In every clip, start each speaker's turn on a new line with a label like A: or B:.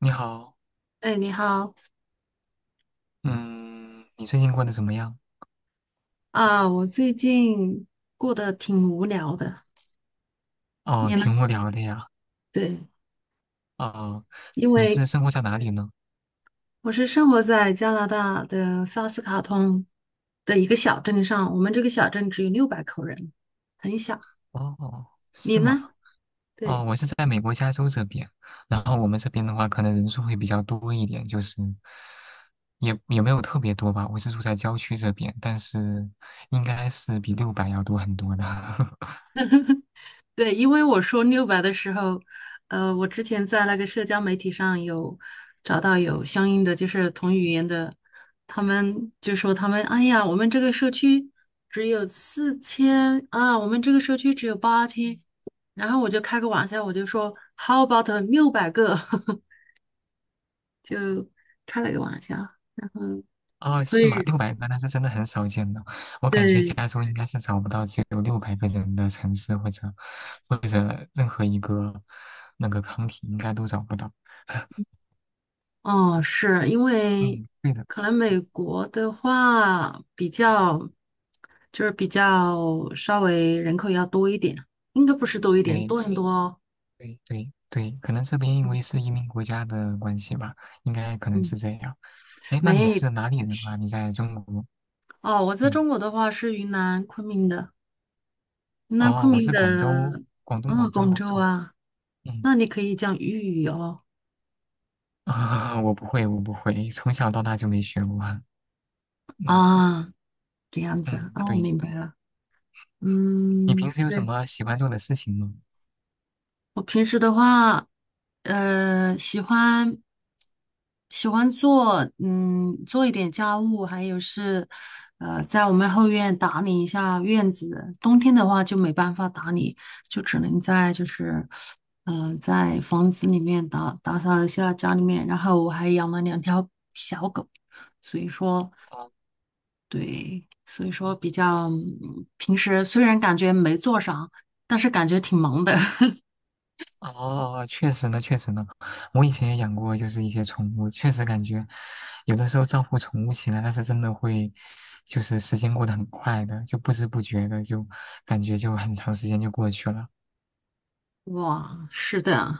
A: 你好。
B: 哎，你好
A: 嗯，你最近过得怎么样？
B: 啊！我最近过得挺无聊的，
A: 哦，
B: 你呢？
A: 挺无聊的呀。
B: 对，
A: 哦，
B: 因
A: 你
B: 为
A: 是生活在哪里呢？
B: 我是生活在加拿大的萨斯卡通的一个小镇上，我们这个小镇只有600口人，很小。
A: 哦，
B: 你
A: 是吗？
B: 呢？
A: 哦，
B: 对，
A: 我是在美国加州这边，然后我们这边的话，可能人数会比较多一点，就是也没有特别多吧。我是住在郊区这边，但是应该是比六百要多很多的。
B: 对，因为我说六百的时候，我之前在那个社交媒体上有找到有相应的就是同语言的，他们就说他们，哎呀，我们这个社区只有4000啊，我们这个社区只有8000，然后我就开个玩笑，我就说 How about 600个，就开了个玩笑，然后
A: 啊，
B: 所
A: 是吗？
B: 以
A: 600个那是真的很少见的，我感觉
B: 对
A: 加州应该是找不到只有六百个人的城市，或者任何一个那个 c 体应该都找不到。
B: 哦，是因为
A: 嗯，对的。
B: 可能美
A: 嗯，
B: 国的话比较，就是比较稍微人口要多一点，应该不是多一点，
A: 对
B: 多很多哦。
A: 对对对，可能这边因为是移民国家的关系吧，应该可能是
B: 嗯，
A: 这样。哎，那你
B: 没，
A: 是哪里人啊？你在中国？
B: 哦，我在
A: 嗯。
B: 中国的话是云南昆明的，云南
A: 哦，
B: 昆
A: 我
B: 明
A: 是广州，
B: 的，
A: 广东
B: 啊，
A: 广州
B: 广
A: 的。
B: 州
A: 嗯。
B: 啊，
A: 嗯。
B: 那你可以讲粤语哦。
A: 啊，我不会，我不会，从小到大就没学过。嗯。
B: 啊，这样子啊，
A: 嗯，
B: 哦，我
A: 对。
B: 明白了。
A: 你平
B: 嗯，
A: 时有什
B: 对。
A: 么喜欢做的事情吗？
B: 我平时的话，呃，喜欢喜欢做，做一点家务，还有是，在我们后院打理一下院子。冬天的话就没办法打理，就只能在就是，在房子里面打扫一下家里面。然后我还养了2条小狗，所以说，
A: 哦。
B: 对，所以说比较，平时虽然感觉没做啥，但是感觉挺忙的。
A: 哦，确实呢，确实呢，我以前也养过，就是一些宠物，确实感觉有的时候照顾宠物起来，那是真的会，就是时间过得很快的，就不知不觉的就感觉就很长时间就过去了。
B: 哇，是的，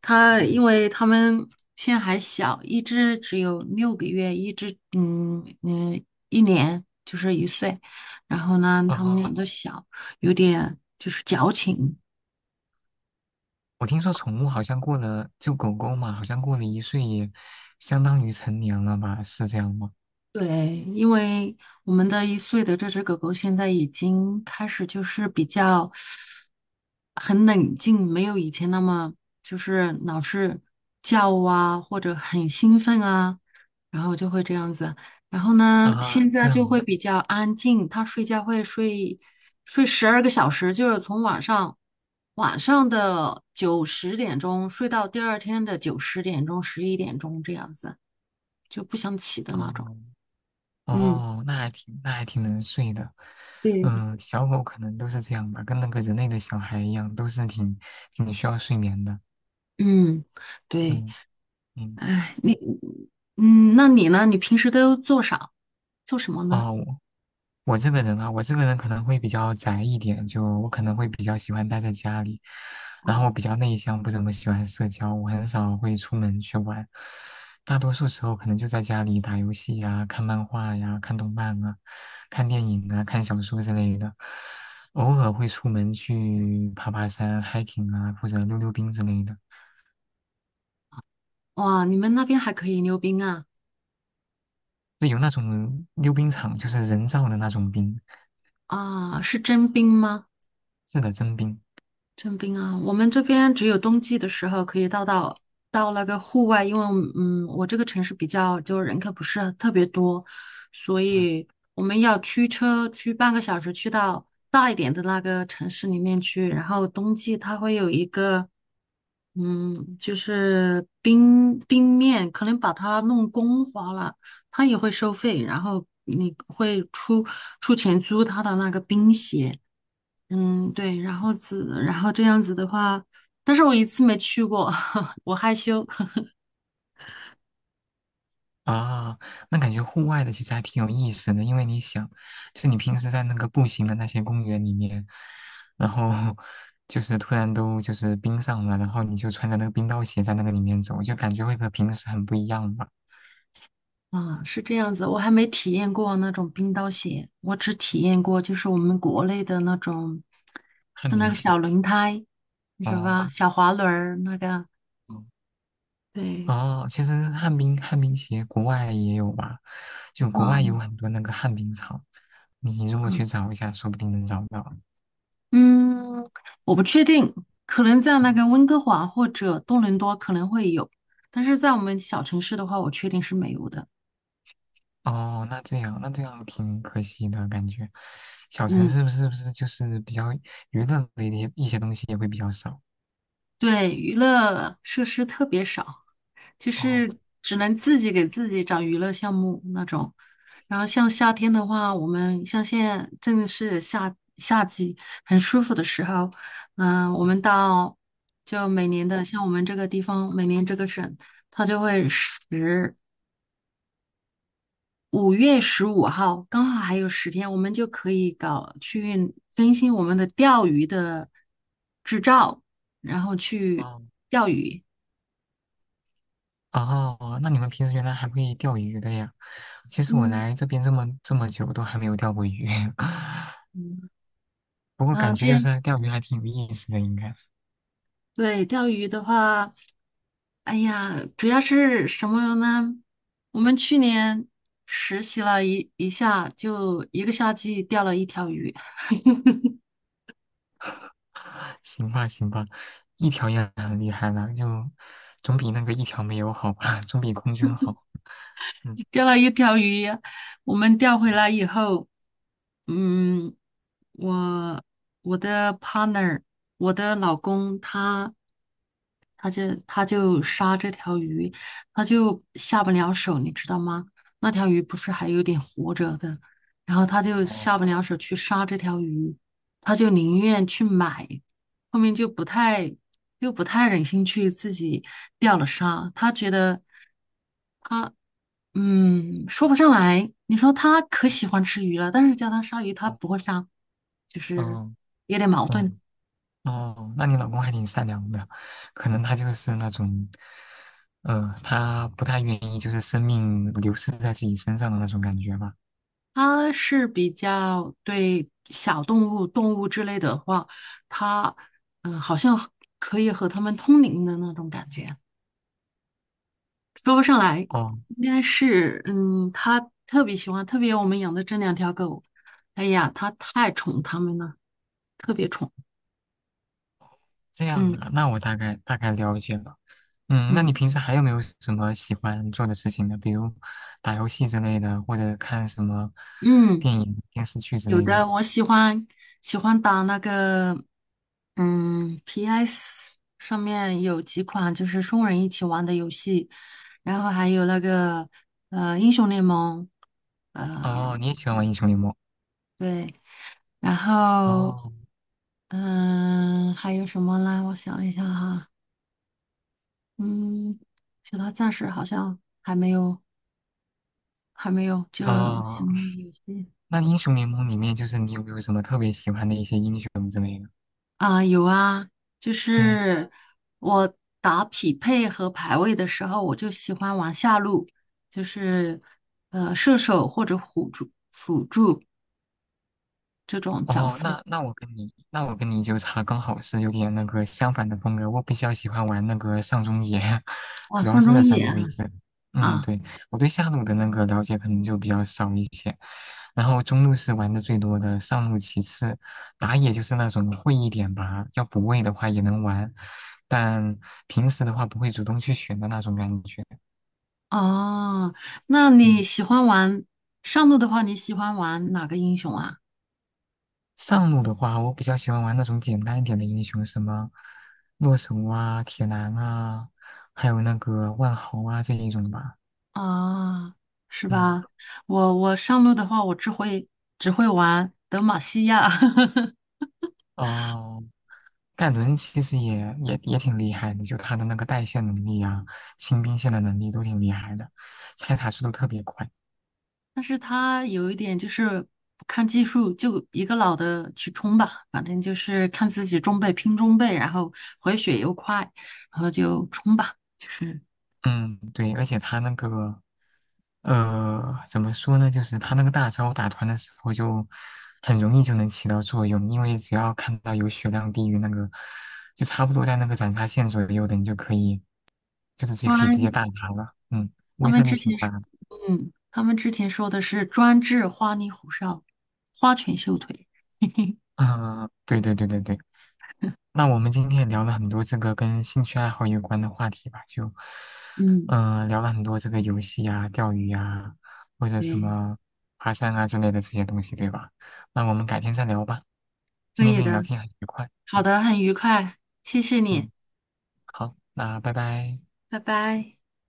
B: 他因
A: 嗯。
B: 为他们现在还小，一只只有6个月，一只就是一岁，然后呢，他们俩
A: 哦，
B: 都小，有点就是矫情，
A: 我听说宠物好像过了，就狗狗嘛，好像过了1岁也相当于成年了吧？是这样吗？
B: 对，因为我们的一岁的这只狗狗现在已经开始就是比较很冷静，没有以前那么就是老是叫啊，或者很兴奋啊，然后就会这样子。然后呢，现
A: 啊，
B: 在
A: 这
B: 就会
A: 样
B: 比较安静，它睡觉会睡12个小时，就是从晚上的九十点钟睡到第二天的九十点钟、11点钟这样子，就不想起的
A: 啊，
B: 那
A: 哦。
B: 种。嗯
A: 哦，那还挺能睡的。
B: 对，
A: 嗯，小狗可能都是这样吧，跟那个人类的小孩一样，都是挺需要睡眠的。
B: 嗯，对，
A: 嗯。嗯。
B: 哎，那你呢？你平时都做啥？做什么呢？
A: 哦，我这个人可能会比较宅一点，就我可能会比较喜欢待在家里，
B: 哦，
A: 然后我比较内向，不怎么喜欢社交，我很少会出门去玩，大多数时候可能就在家里打游戏呀、看漫画呀、看动漫啊、看电影啊、看小说之类的，偶尔会出门去爬爬山、hiking 啊，或者溜溜冰之类的。
B: 哇，你们那边还可以溜冰啊？
A: 就有那种溜冰场，就是人造的那种冰。
B: 啊，是真冰吗？
A: 是的，真冰。
B: 征兵啊，我们这边只有冬季的时候可以到那个户外，因为我这个城市比较就人口不是特别多，所
A: 嗯。
B: 以我们要驱车去半个小时去到大一点的那个城市里面去，然后冬季它会有一个就是冰面，可能把它弄光滑了，它也会收费，然后你会出钱租它的那个冰鞋。嗯，对，然后子，然后这样子的话，但是我一次没去过，我害羞。
A: 啊，那感觉户外的其实还挺有意思的，因为你想，就你平时在那个步行的那些公园里面，然后就是突然都就是冰上了，然后你就穿着那个冰刀鞋在那个里面走，就感觉会和平时很不一样吧。
B: 啊，是这样子，我还没体验过那种冰刀鞋，我只体验过就是我们国内的那种，
A: 旱
B: 是那
A: 冰
B: 个
A: 鞋。
B: 小轮胎，你知道吧？
A: 哦。
B: 小滑轮儿那个。
A: 嗯。
B: 对，
A: 哦，其实旱冰鞋国外也有吧，就国外有
B: 嗯
A: 很多那个旱冰场，你如果
B: 嗯
A: 去找一下，说不定能找到。
B: 嗯，我不确定，可能在
A: 嗯。
B: 那个温哥华或者多伦多可能会有，但是在我们小城市的话，我确定是没有的。
A: 哦，那这样，那这样挺可惜的感觉。小陈
B: 嗯。
A: 是不是就是比较娱乐类的一些东西也会比较少？
B: 对，娱乐设施特别少，就
A: 哦。
B: 是只能自己给自己找娱乐项目那种。然后像夏天的话，我们像现在正是夏季，很舒服的时候，嗯、我
A: 嗯。
B: 们到就每年的像我们这个地方，每年这个省，它就会5月15号，刚好还有10天，我们就可以搞去更新我们的钓鱼的执照，然后去钓鱼。
A: 哦。哦，那你们平时原来还会钓鱼的呀？其实我
B: 嗯。
A: 来这边这么久都还没有钓过鱼。
B: 嗯，
A: 不过感
B: 啊，
A: 觉
B: 这
A: 就
B: 样
A: 是钓鱼还挺有意思的，应该。
B: 对钓鱼的话，哎呀，主要是什么呢？我们去年实习了一下，就一个夏季钓了一条鱼。
A: 行吧，行吧，一条也很厉害了，就总比那个一条没有好吧，总比空军好。嗯。
B: 钓了一条鱼，我们钓回
A: 嗯。
B: 来以后，嗯，我我的 partner,我的老公他他就杀这条鱼，他就下不了手，你知道吗？那条鱼不是还有点活着的，然后他就
A: 哦。
B: 下不了手去杀这条鱼，他就宁愿去买，后面就不太忍心去自己钓了杀，他觉得。嗯，说不上来。你说他可
A: 哦。
B: 喜欢吃鱼了，但是叫他杀鱼，他不会杀，就是
A: 哦。
B: 有点矛盾。
A: 嗯。哦，那你老公还挺善良的，可能他就是那种，他不太愿意就是生命流逝在自己身上的那种感觉吧。
B: 他是比较对小动物、动物之类的话，他好像可以和他们通灵的那种感觉。说不上来，
A: 哦，
B: 应该是他特别喜欢，特别我们养的这2条狗，哎呀，他太宠它们了，特别宠。
A: 这样
B: 嗯
A: 啊，那我大概大概了解了。嗯，那你
B: 嗯
A: 平时还有没有什么喜欢做的事情呢？比如打游戏之类的，或者看什么
B: 嗯。
A: 电影、电视剧之
B: 有
A: 类的。
B: 的我喜欢打那个，PS 上面有几款就是双人一起玩的游戏，然后还有那个英雄联盟，
A: 哦，
B: 呃
A: 你也喜欢玩
B: 对，
A: 英雄联盟？
B: 对，然后
A: 哦。
B: 还有什么呢？我想一下哈，嗯，其他暂时好像还没有，就是
A: 哦，
B: 新游戏。
A: 那英雄联盟里面就是你有没有什么特别喜欢的一些英雄之类的？
B: 啊，有啊，就
A: 嗯。
B: 是我打匹配和排位的时候，我就喜欢玩下路，就是射手或者辅助这种角
A: 哦，
B: 色。
A: 那我跟你就差刚好是有点那个相反的风格。我比较喜欢玩那个上中野，
B: 哇，
A: 主要
B: 上
A: 是
B: 中
A: 那
B: 野
A: 三个
B: 啊
A: 位置。嗯，
B: 啊！
A: 对，我对下路的那个了解可能就比较少一些，然后中路是玩的最多的，上路其次，打野就是那种会一点吧，要补位的话也能玩，但平时的话不会主动去选的那种感觉。
B: 哦，那你
A: 嗯。
B: 喜欢玩上路的话，你喜欢玩哪个英雄啊？
A: 上路的话，我比较喜欢玩那种简单一点的英雄，什么洛神啊、铁男啊，还有那个万豪啊这一种吧。
B: 啊，是
A: 嗯。
B: 吧？我上路的话，我只会玩德玛西亚。
A: 哦，盖伦其实也挺厉害的，就他的那个带线能力啊、清兵线的能力都挺厉害的，拆塔速度特别快。
B: 但是他有一点就是不看技术，就一个老的去冲吧，反正就是看自己中备拼中备，然后回血又快，然后就冲吧。就是
A: 嗯，对，而且他那个怎么说呢？就是他那个大招打团的时候，就很容易就能起到作用，因为只要看到有血量低于那个，就差不多在那个斩杀线左右的，你就可以，就直接可以直
B: 专，
A: 接大拿了。嗯，
B: 他
A: 威
B: 们
A: 慑力
B: 之
A: 挺
B: 前
A: 大
B: 是，
A: 的。
B: 他们之前说的是专治花里胡哨、花拳绣腿。嘿嘿，
A: 啊、对对对对对。那我们今天也聊了很多这个跟兴趣爱好有关的话题吧，就，
B: 嗯，
A: 嗯、聊了很多这个游戏啊、钓鱼啊，或者什
B: 对，
A: 么爬山啊之类的这些东西，对吧？那我们改天再聊吧。
B: 可
A: 今天
B: 以
A: 跟你聊
B: 的。
A: 天很愉快。
B: 好
A: 嗯。
B: 的，很愉快，谢谢你，
A: 嗯，好，那拜拜。
B: 拜拜。